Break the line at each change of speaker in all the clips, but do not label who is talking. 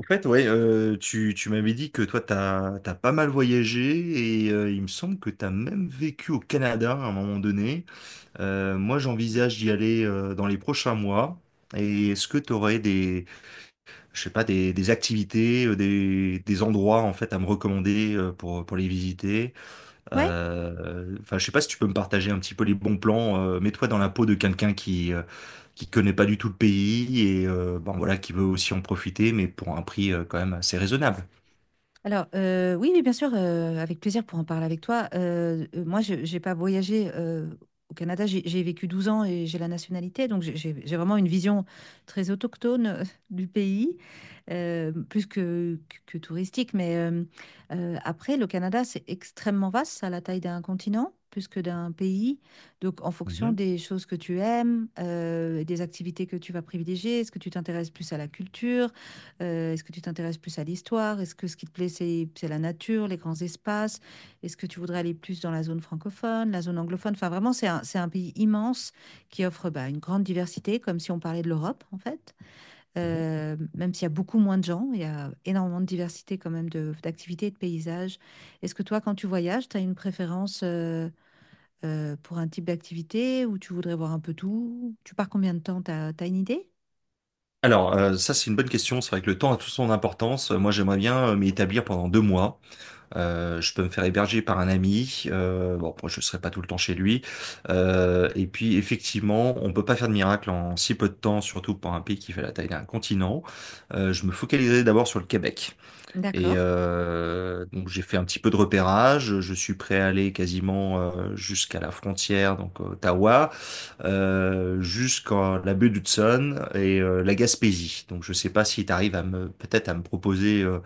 En fait, ouais, tu m'avais dit que toi, t'as pas mal voyagé et il me semble que t'as même vécu au Canada à un moment donné. Moi, j'envisage d'y aller dans les prochains mois. Et est-ce que tu aurais je sais pas, des activités, des endroits en fait à me recommander pour les visiter?
Ouais,
Enfin, je sais pas si tu peux me partager un petit peu les bons plans. Mets-toi dans la peau de quelqu'un qui connaît pas du tout le pays et bon, voilà, qui veut aussi en profiter, mais pour un prix quand même assez raisonnable.
alors oui, mais bien sûr, avec plaisir pour en parler avec toi. Moi, je n'ai pas voyagé au Canada, j'ai vécu 12 ans et j'ai la nationalité, donc j'ai vraiment une vision très autochtone du pays, plus que touristique. Mais après, le Canada, c'est extrêmement vaste, ça a la taille d'un continent, plus que d'un pays. Donc, en fonction
Mhm,
des choses que tu aimes, des activités que tu vas privilégier, est-ce que tu t'intéresses plus à la culture? Est-ce que tu t'intéresses plus à l'histoire? Est-ce que ce qui te plaît, c'est la nature, les grands espaces? Est-ce que tu voudrais aller plus dans la zone francophone, la zone anglophone? Enfin, vraiment, c'est un pays immense qui offre bah, une grande diversité, comme si on parlait de l'Europe, en fait.
mhm.
Même s'il y a beaucoup moins de gens, il y a énormément de diversité quand même d'activités et de paysages. Est-ce que toi, quand tu voyages, tu as une préférence pour un type d'activité ou tu voudrais voir un peu tout? Tu pars combien de temps? T'as une idée?
Alors, ça c'est une bonne question. C'est vrai que le temps a toute son importance. Moi, j'aimerais bien m'y établir pendant 2 mois. Je peux me faire héberger par un ami. Bon, moi, je serai pas tout le temps chez lui. Et puis, effectivement, on peut pas faire de miracle en si peu de temps, surtout pour un pays qui fait la taille d'un continent. Je me focaliserai d'abord sur le Québec. Et
D'accord.
euh, donc, j'ai fait un petit peu de repérage. Je suis prêt à aller quasiment jusqu'à la frontière, donc Ottawa. Jusqu'à la baie d'Hudson et la Gaspésie. Donc je sais pas si tu arrives à me peut-être à me proposer euh,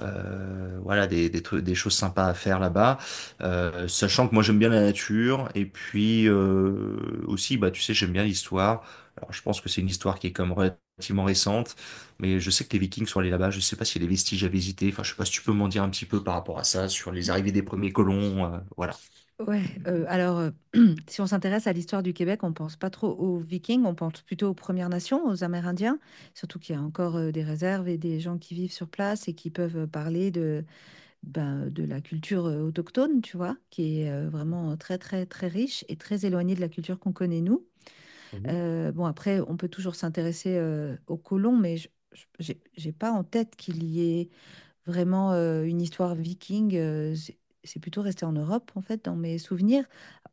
euh, voilà des trucs, des choses sympas à faire là-bas. Sachant que moi j'aime bien la nature et puis aussi bah tu sais j'aime bien l'histoire. Alors je pense que c'est une histoire qui est comme relativement récente, mais je sais que les Vikings sont allés là-bas. Je sais pas s'il y a des vestiges à visiter. Enfin je sais pas si tu peux m'en dire un petit peu par rapport à ça sur les arrivées des premiers colons. Voilà.
Ouais, alors, si on s'intéresse à l'histoire du Québec, on pense pas trop aux Vikings, on pense plutôt aux Premières Nations, aux Amérindiens, surtout qu'il y a encore, des réserves et des gens qui vivent sur place et qui peuvent, parler de, ben, de la culture, autochtone, tu vois? Qui est, vraiment très, très, très riche et très éloignée de la culture qu'on connaît nous.
Mmh mh.
Bon après, on peut toujours s'intéresser, aux colons, mais je j'ai pas en tête qu'il y ait vraiment, une histoire viking, c'est plutôt resté en Europe en fait dans mes souvenirs.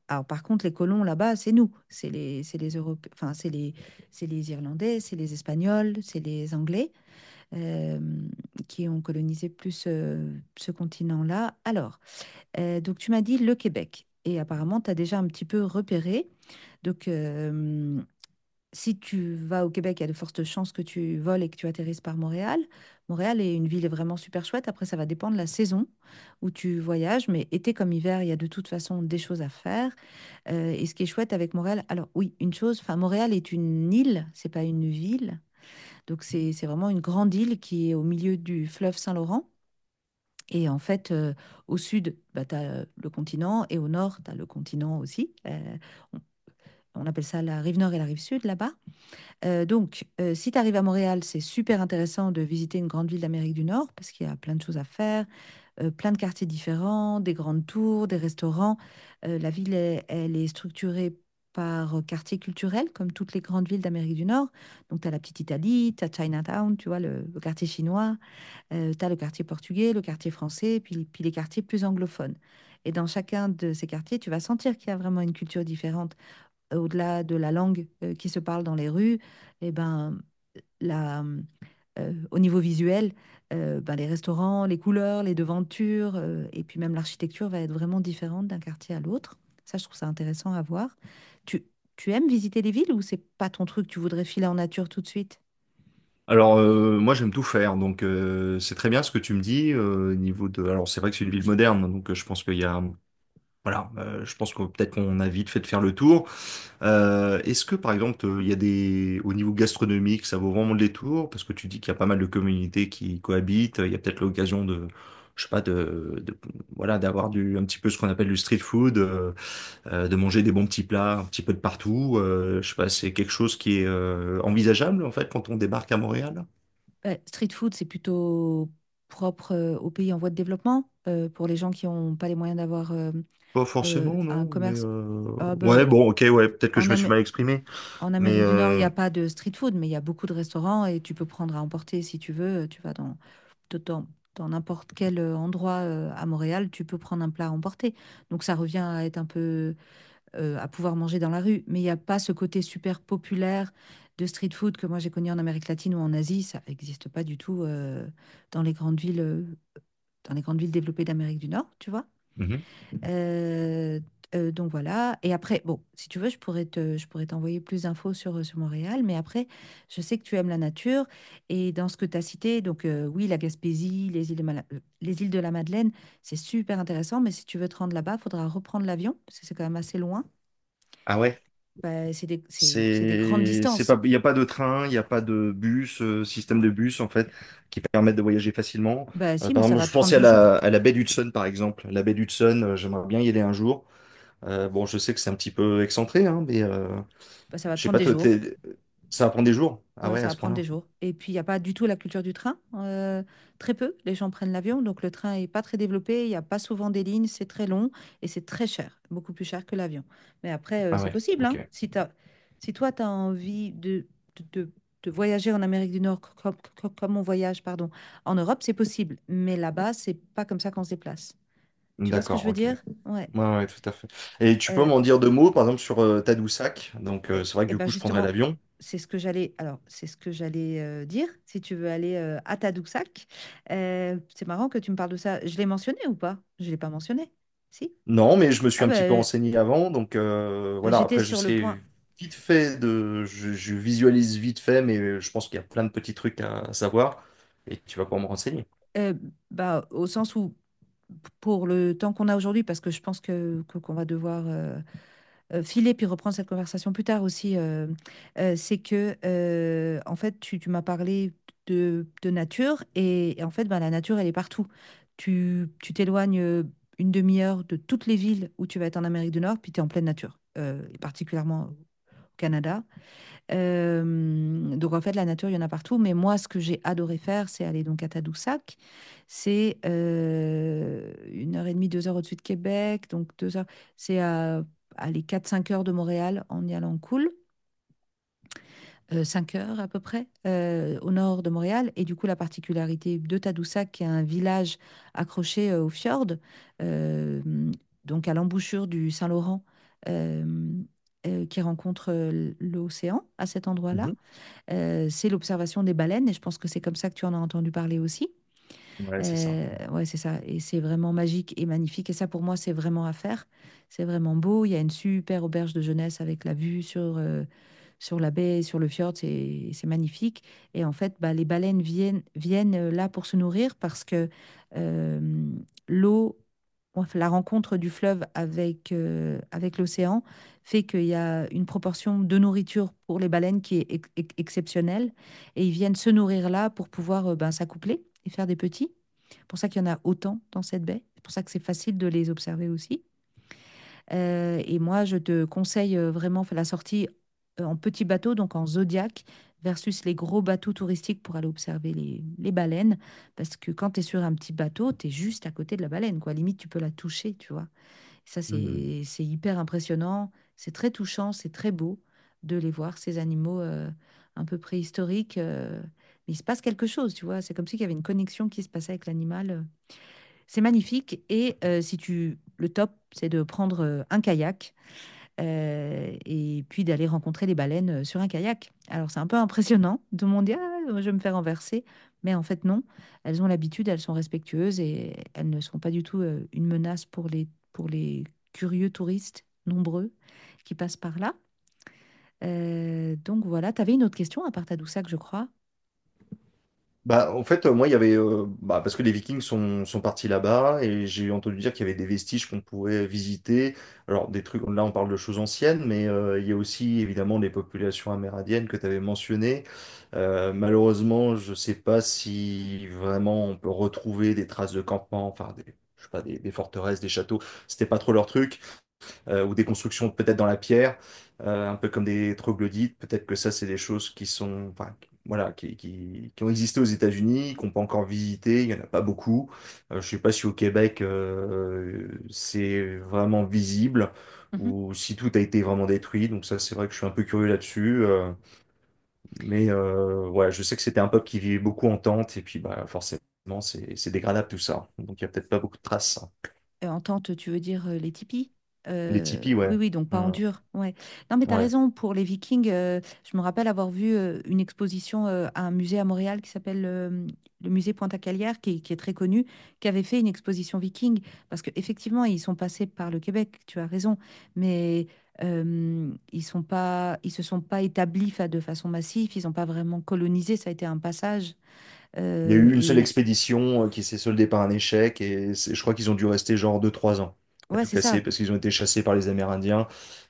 Alors, par contre, les colons là-bas, c'est nous, enfin, c'est les Irlandais, c'est les Espagnols, c'est les Anglais euh, qui ont colonisé plus ce continent-là. Alors, donc tu m'as dit le Québec, et apparemment, tu as déjà un petit peu repéré. Donc, si tu vas au Québec, il y a de fortes chances que tu voles et que tu atterrisses par Montréal. Montréal est une ville vraiment super chouette. Après, ça va dépendre de la saison où tu voyages, mais été comme hiver, il y a de toute façon des choses à faire. Et ce qui est chouette avec Montréal, alors oui, une chose, enfin Montréal est une île, c'est pas une ville. Donc c'est vraiment une grande île qui est au milieu du fleuve Saint-Laurent. Et en fait, au sud, bah, tu as le continent et au nord, tu as le continent aussi. On on appelle ça la rive nord et la rive sud là-bas. Si tu arrives à Montréal, c'est super intéressant de visiter une grande ville d'Amérique du Nord parce qu'il y a plein de choses à faire, plein de quartiers différents, des grandes tours, des restaurants. La ville, elle est structurée par quartier culturel, comme toutes les grandes villes d'Amérique du Nord. Donc, tu as la petite Italie, tu as Chinatown, tu vois, le quartier chinois. Tu as le quartier portugais, le quartier français, puis les quartiers plus anglophones. Et dans chacun de ces quartiers, tu vas sentir qu'il y a vraiment une culture différente au-delà de la langue qui se parle dans les rues, eh ben, la, au niveau visuel, ben, les restaurants, les couleurs, les devantures, et puis même l'architecture va être vraiment différente d'un quartier à l'autre. Ça, je trouve ça intéressant à voir. Tu, tu aimes visiter les villes ou c'est pas ton truc, tu voudrais filer en nature tout de suite?
Alors, moi j'aime tout faire donc c'est très bien ce que tu me dis. Heu, niveau de alors c'est vrai que c'est une ville moderne, donc je pense qu'il y a. Voilà, je pense que peut-être qu'on a vite fait de faire le tour. Est-ce que par exemple, il y a au niveau gastronomique, ça vaut vraiment le détour? Parce que tu dis qu'il y a pas mal de communautés qui cohabitent. Il y a peut-être l'occasion de, je sais pas, de, voilà, d'avoir un petit peu ce qu'on appelle du street food, de manger des bons petits plats un petit peu de partout. Je sais pas, c'est quelque chose qui est envisageable en fait quand on débarque à Montréal?
Street food, c'est plutôt propre aux pays en voie de développement, pour les gens qui n'ont pas les moyens d'avoir
Pas forcément,
un
non. Mais
commerce.
euh,
Ah bah,
ouais, bon, ok, ouais, peut-être que
en
je me suis
Am-
mal exprimé,
en
mais
Amérique du Nord, il n'y
euh...
a pas de street food, mais il y a beaucoup de restaurants et tu peux prendre à emporter si tu veux. Tu vas dans, dans n'importe quel endroit à Montréal, tu peux prendre un plat à emporter. Donc ça revient à être un peu à pouvoir manger dans la rue, mais il n'y a pas ce côté super populaire de street food que moi j'ai connu en Amérique latine ou en Asie. Ça n'existe pas du tout dans les grandes villes, euh, dans les grandes villes développées d'Amérique du Nord, tu vois.
Mhm.
Euh, donc voilà. Et après, bon, si tu veux, je pourrais t'envoyer plus d'infos sur Montréal. Mais après, je sais que tu aimes la nature. Et dans ce que tu as cité, donc oui, la Gaspésie, les îles de la Madeleine, c'est super intéressant. Mais si tu veux te rendre là-bas, il faudra reprendre l'avion, parce que c'est quand même assez loin.
Ah ouais.
Bah, c'est des grandes
C'est
distances.
pas, il n'y a pas de train, il n'y a pas de bus, système de bus en fait, qui permettent de voyager facilement.
Bah
Euh,
si,
par
mais ça
exemple,
va
je
te prendre
pensais à
2 jours.
la baie d'Hudson par exemple. La baie d'Hudson, j'aimerais bien y aller un jour. Bon, je sais que c'est un petit peu excentré, hein, mais
Bah, ça va te
je sais
prendre
pas,
des
toi,
jours.
ça prend des jours? Ah
Ouais,
ouais,
ça
à
va
ce
prendre des
point-là?
jours. Et puis, il n'y a pas du tout la culture du train. Très peu, les gens prennent l'avion. Donc, le train n'est pas très développé. Il n'y a pas souvent des lignes. C'est très long et c'est très cher. Beaucoup plus cher que l'avion. Mais après,
Ah
c'est
ouais,
possible,
ok.
hein. Si toi, tu as envie de, de- de voyager en Amérique du Nord comme, on voyage, pardon, en Europe, c'est possible. Mais là-bas, c'est pas comme ça qu'on se déplace. Tu vois ce que je
D'accord,
veux
ok.
dire? Ouais.
Ouais, ouais, tout à fait. Et tu peux
euh,
m'en dire deux mots, par exemple, sur Tadoussac. Donc,
Eh,
euh, c'est vrai que
eh
du
ben
coup, je prendrais
justement,
l'avion.
c'est ce que j'allais. Alors, c'est ce que j'allais dire. Si tu veux aller à Tadoussac, c'est marrant que tu me parles de ça. Je l'ai mentionné ou pas? Je l'ai pas mentionné. Si?
Non, mais je me suis
Ah
un petit peu
ben,
renseigné avant, donc,
ben,
voilà.
j'étais
Après,
sur le point.
je visualise vite fait, mais je pense qu'il y a plein de petits trucs à savoir et tu vas pouvoir me renseigner.
euh, bah, au sens où pour le temps qu'on a aujourd'hui, parce que je pense qu'on va devoir filer puis reprendre cette conversation plus tard aussi, c'est que, en fait, tu m'as parlé de nature et en fait, ben, la nature, elle est partout. Tu t'éloignes une demi-heure de toutes les villes où tu vas être en Amérique du Nord, puis tu es en pleine nature, et particulièrement au Canada. Donc en fait, la nature, il y en a partout, mais moi, ce que j'ai adoré faire, c'est aller donc à Tadoussac. C'est, 1 heure et demie, 2 heures au-dessus de Québec, donc 2 heures c'est à, aller 4, 5 heures de Montréal en y allant cool, 5 heures à peu près, au nord de Montréal et du coup, la particularité de Tadoussac, qui est un village accroché, au fjord, hem, donc à l'embouchure du Saint-Laurent, hem, qui rencontre, l'océan à cet endroit-là
Mhm.
euh, c'est l'observation des baleines, et je pense que c'est comme ça que tu en as entendu parler aussi.
Ouais, c'est ça.
Euh,
Ouais.
ouais, c'est ça. Et c'est vraiment magique et magnifique. Et ça, pour moi, c'est vraiment à faire. C'est vraiment beau. Il y a une super auberge de jeunesse avec la vue sur la baie, sur le fjord. C'est magnifique. Et en fait, bah, les baleines viennent là pour se nourrir parce que euh, l'eau, enfin, la rencontre du fleuve avec l'océan fait qu'il y a une proportion de nourriture pour les baleines qui est exceptionnelle. Et ils viennent se nourrir là pour pouvoir ben, s'accoupler et faire des petits. C'est pour ça qu'il y en a autant dans cette baie. C'est pour ça que c'est facile de les observer aussi. Et moi, je te conseille vraiment fais la sortie en petit bateau, donc en Zodiac, versus les gros bateaux touristiques pour aller observer les baleines. Parce que quand tu es sur un petit bateau, tu es juste à côté de la baleine, quoi. Limite, tu peux la toucher, tu vois. Et ça,
Hmm.
c'est hyper impressionnant. C'est très touchant, c'est très beau de les voir, ces animaux un peu préhistoriques. Mais il se passe quelque chose, tu vois. C'est comme s'il y avait une connexion qui se passait avec l'animal. C'est magnifique. Et si tu, le top, c'est de prendre un kayak et puis d'aller rencontrer les baleines sur un kayak. Alors c'est un peu impressionnant de me dire, ah, je vais me faire renverser, mais en fait non. Elles ont l'habitude, elles sont respectueuses et elles ne sont pas du tout une menace pour les curieux touristes nombreux qui passent par là. Donc voilà, tu avais une autre question à part Tadoussac, je crois.
Bah, en fait, moi, il y avait. Bah, parce que les Vikings sont partis là-bas, et j'ai entendu dire qu'il y avait des vestiges qu'on pouvait visiter. Alors, des trucs, là, on parle de choses anciennes, mais il y a aussi, évidemment, les populations amérindiennes que tu avais mentionnées. Malheureusement, je sais pas si vraiment on peut retrouver des traces de campement, enfin, je sais pas, des forteresses, des châteaux. C'était pas trop leur truc, ou des constructions peut-être dans la pierre, un peu comme des troglodytes. Peut-être que ça, c'est des choses qui sont, enfin, voilà, qui ont existé aux États-Unis, qu'on peut encore visiter. Il y en a pas beaucoup. Je sais pas si au Québec, c'est vraiment visible
Mhm.
ou si tout a été vraiment détruit. Donc ça, c'est vrai que je suis un peu curieux là-dessus. Mais ouais, je sais que c'était un peuple qui vivait beaucoup en tente et puis bah forcément, c'est dégradable tout ça. Donc il y a peut-être pas beaucoup de traces.
En tente, tu veux dire les tipis?
Les
Euh,
tipis,
oui,
ouais.
oui, donc pas en
Hmm.
dur. Ouais. Non, mais tu as
Ouais.
raison, pour les Vikings, je me rappelle avoir vu une exposition à un musée à Montréal qui s'appelle le musée Pointe-à-Calière, qui est très connu, qui avait fait une exposition Viking, parce qu'effectivement, ils sont passés par le Québec, tu as raison, mais ils se sont pas établis de façon massive, ils n'ont pas vraiment colonisé, ça a été un passage.
Il y a eu une seule
Et
expédition qui s'est soldée par un échec et je crois qu'ils ont dû rester genre deux trois ans à
ouais,
tout
c'est
casser
ça.
parce qu'ils ont été chassés par les Amérindiens.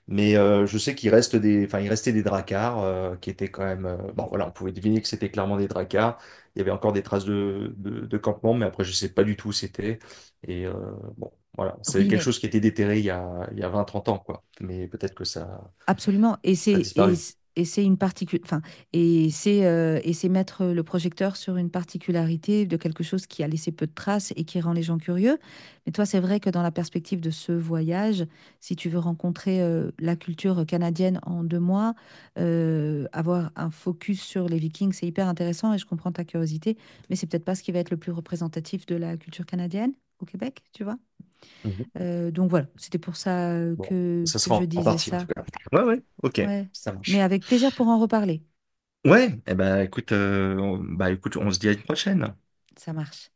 Mais je sais qu'il reste enfin, il restait des dracars qui étaient quand même. Bon, voilà, on pouvait deviner que c'était clairement des dracars. Il y avait encore des traces de campement, mais après, je sais pas du tout où c'était. Et bon, voilà, c'est
Oui,
quelque
mais...
chose qui était déterré il y a vingt trente ans, quoi. Mais peut-être que ça,
Absolument. Et
ça a
c'est
disparu.
et, c- et c'est une particu- enfin, et c'est mettre le projecteur sur une particularité de quelque chose qui a laissé peu de traces et qui rend les gens curieux. Mais toi, c'est vrai que dans la perspective de ce voyage, si tu veux rencontrer la culture canadienne en 2 mois, avoir un focus sur les Vikings, c'est hyper intéressant et je comprends ta curiosité, mais c'est peut-être pas ce qui va être le plus représentatif de la culture canadienne au Québec, tu vois.
Mhm.
Donc voilà, c'était pour ça
Bon,
que
ça
que
sera
je
en
disais
partie, en tout
ça.
cas. Ouais, ouais, ok,
Ouais.
ça
Mais
marche.
avec plaisir pour en reparler.
Ouais, eh ben écoute, bah écoute, on se dit à une prochaine.
Ça marche.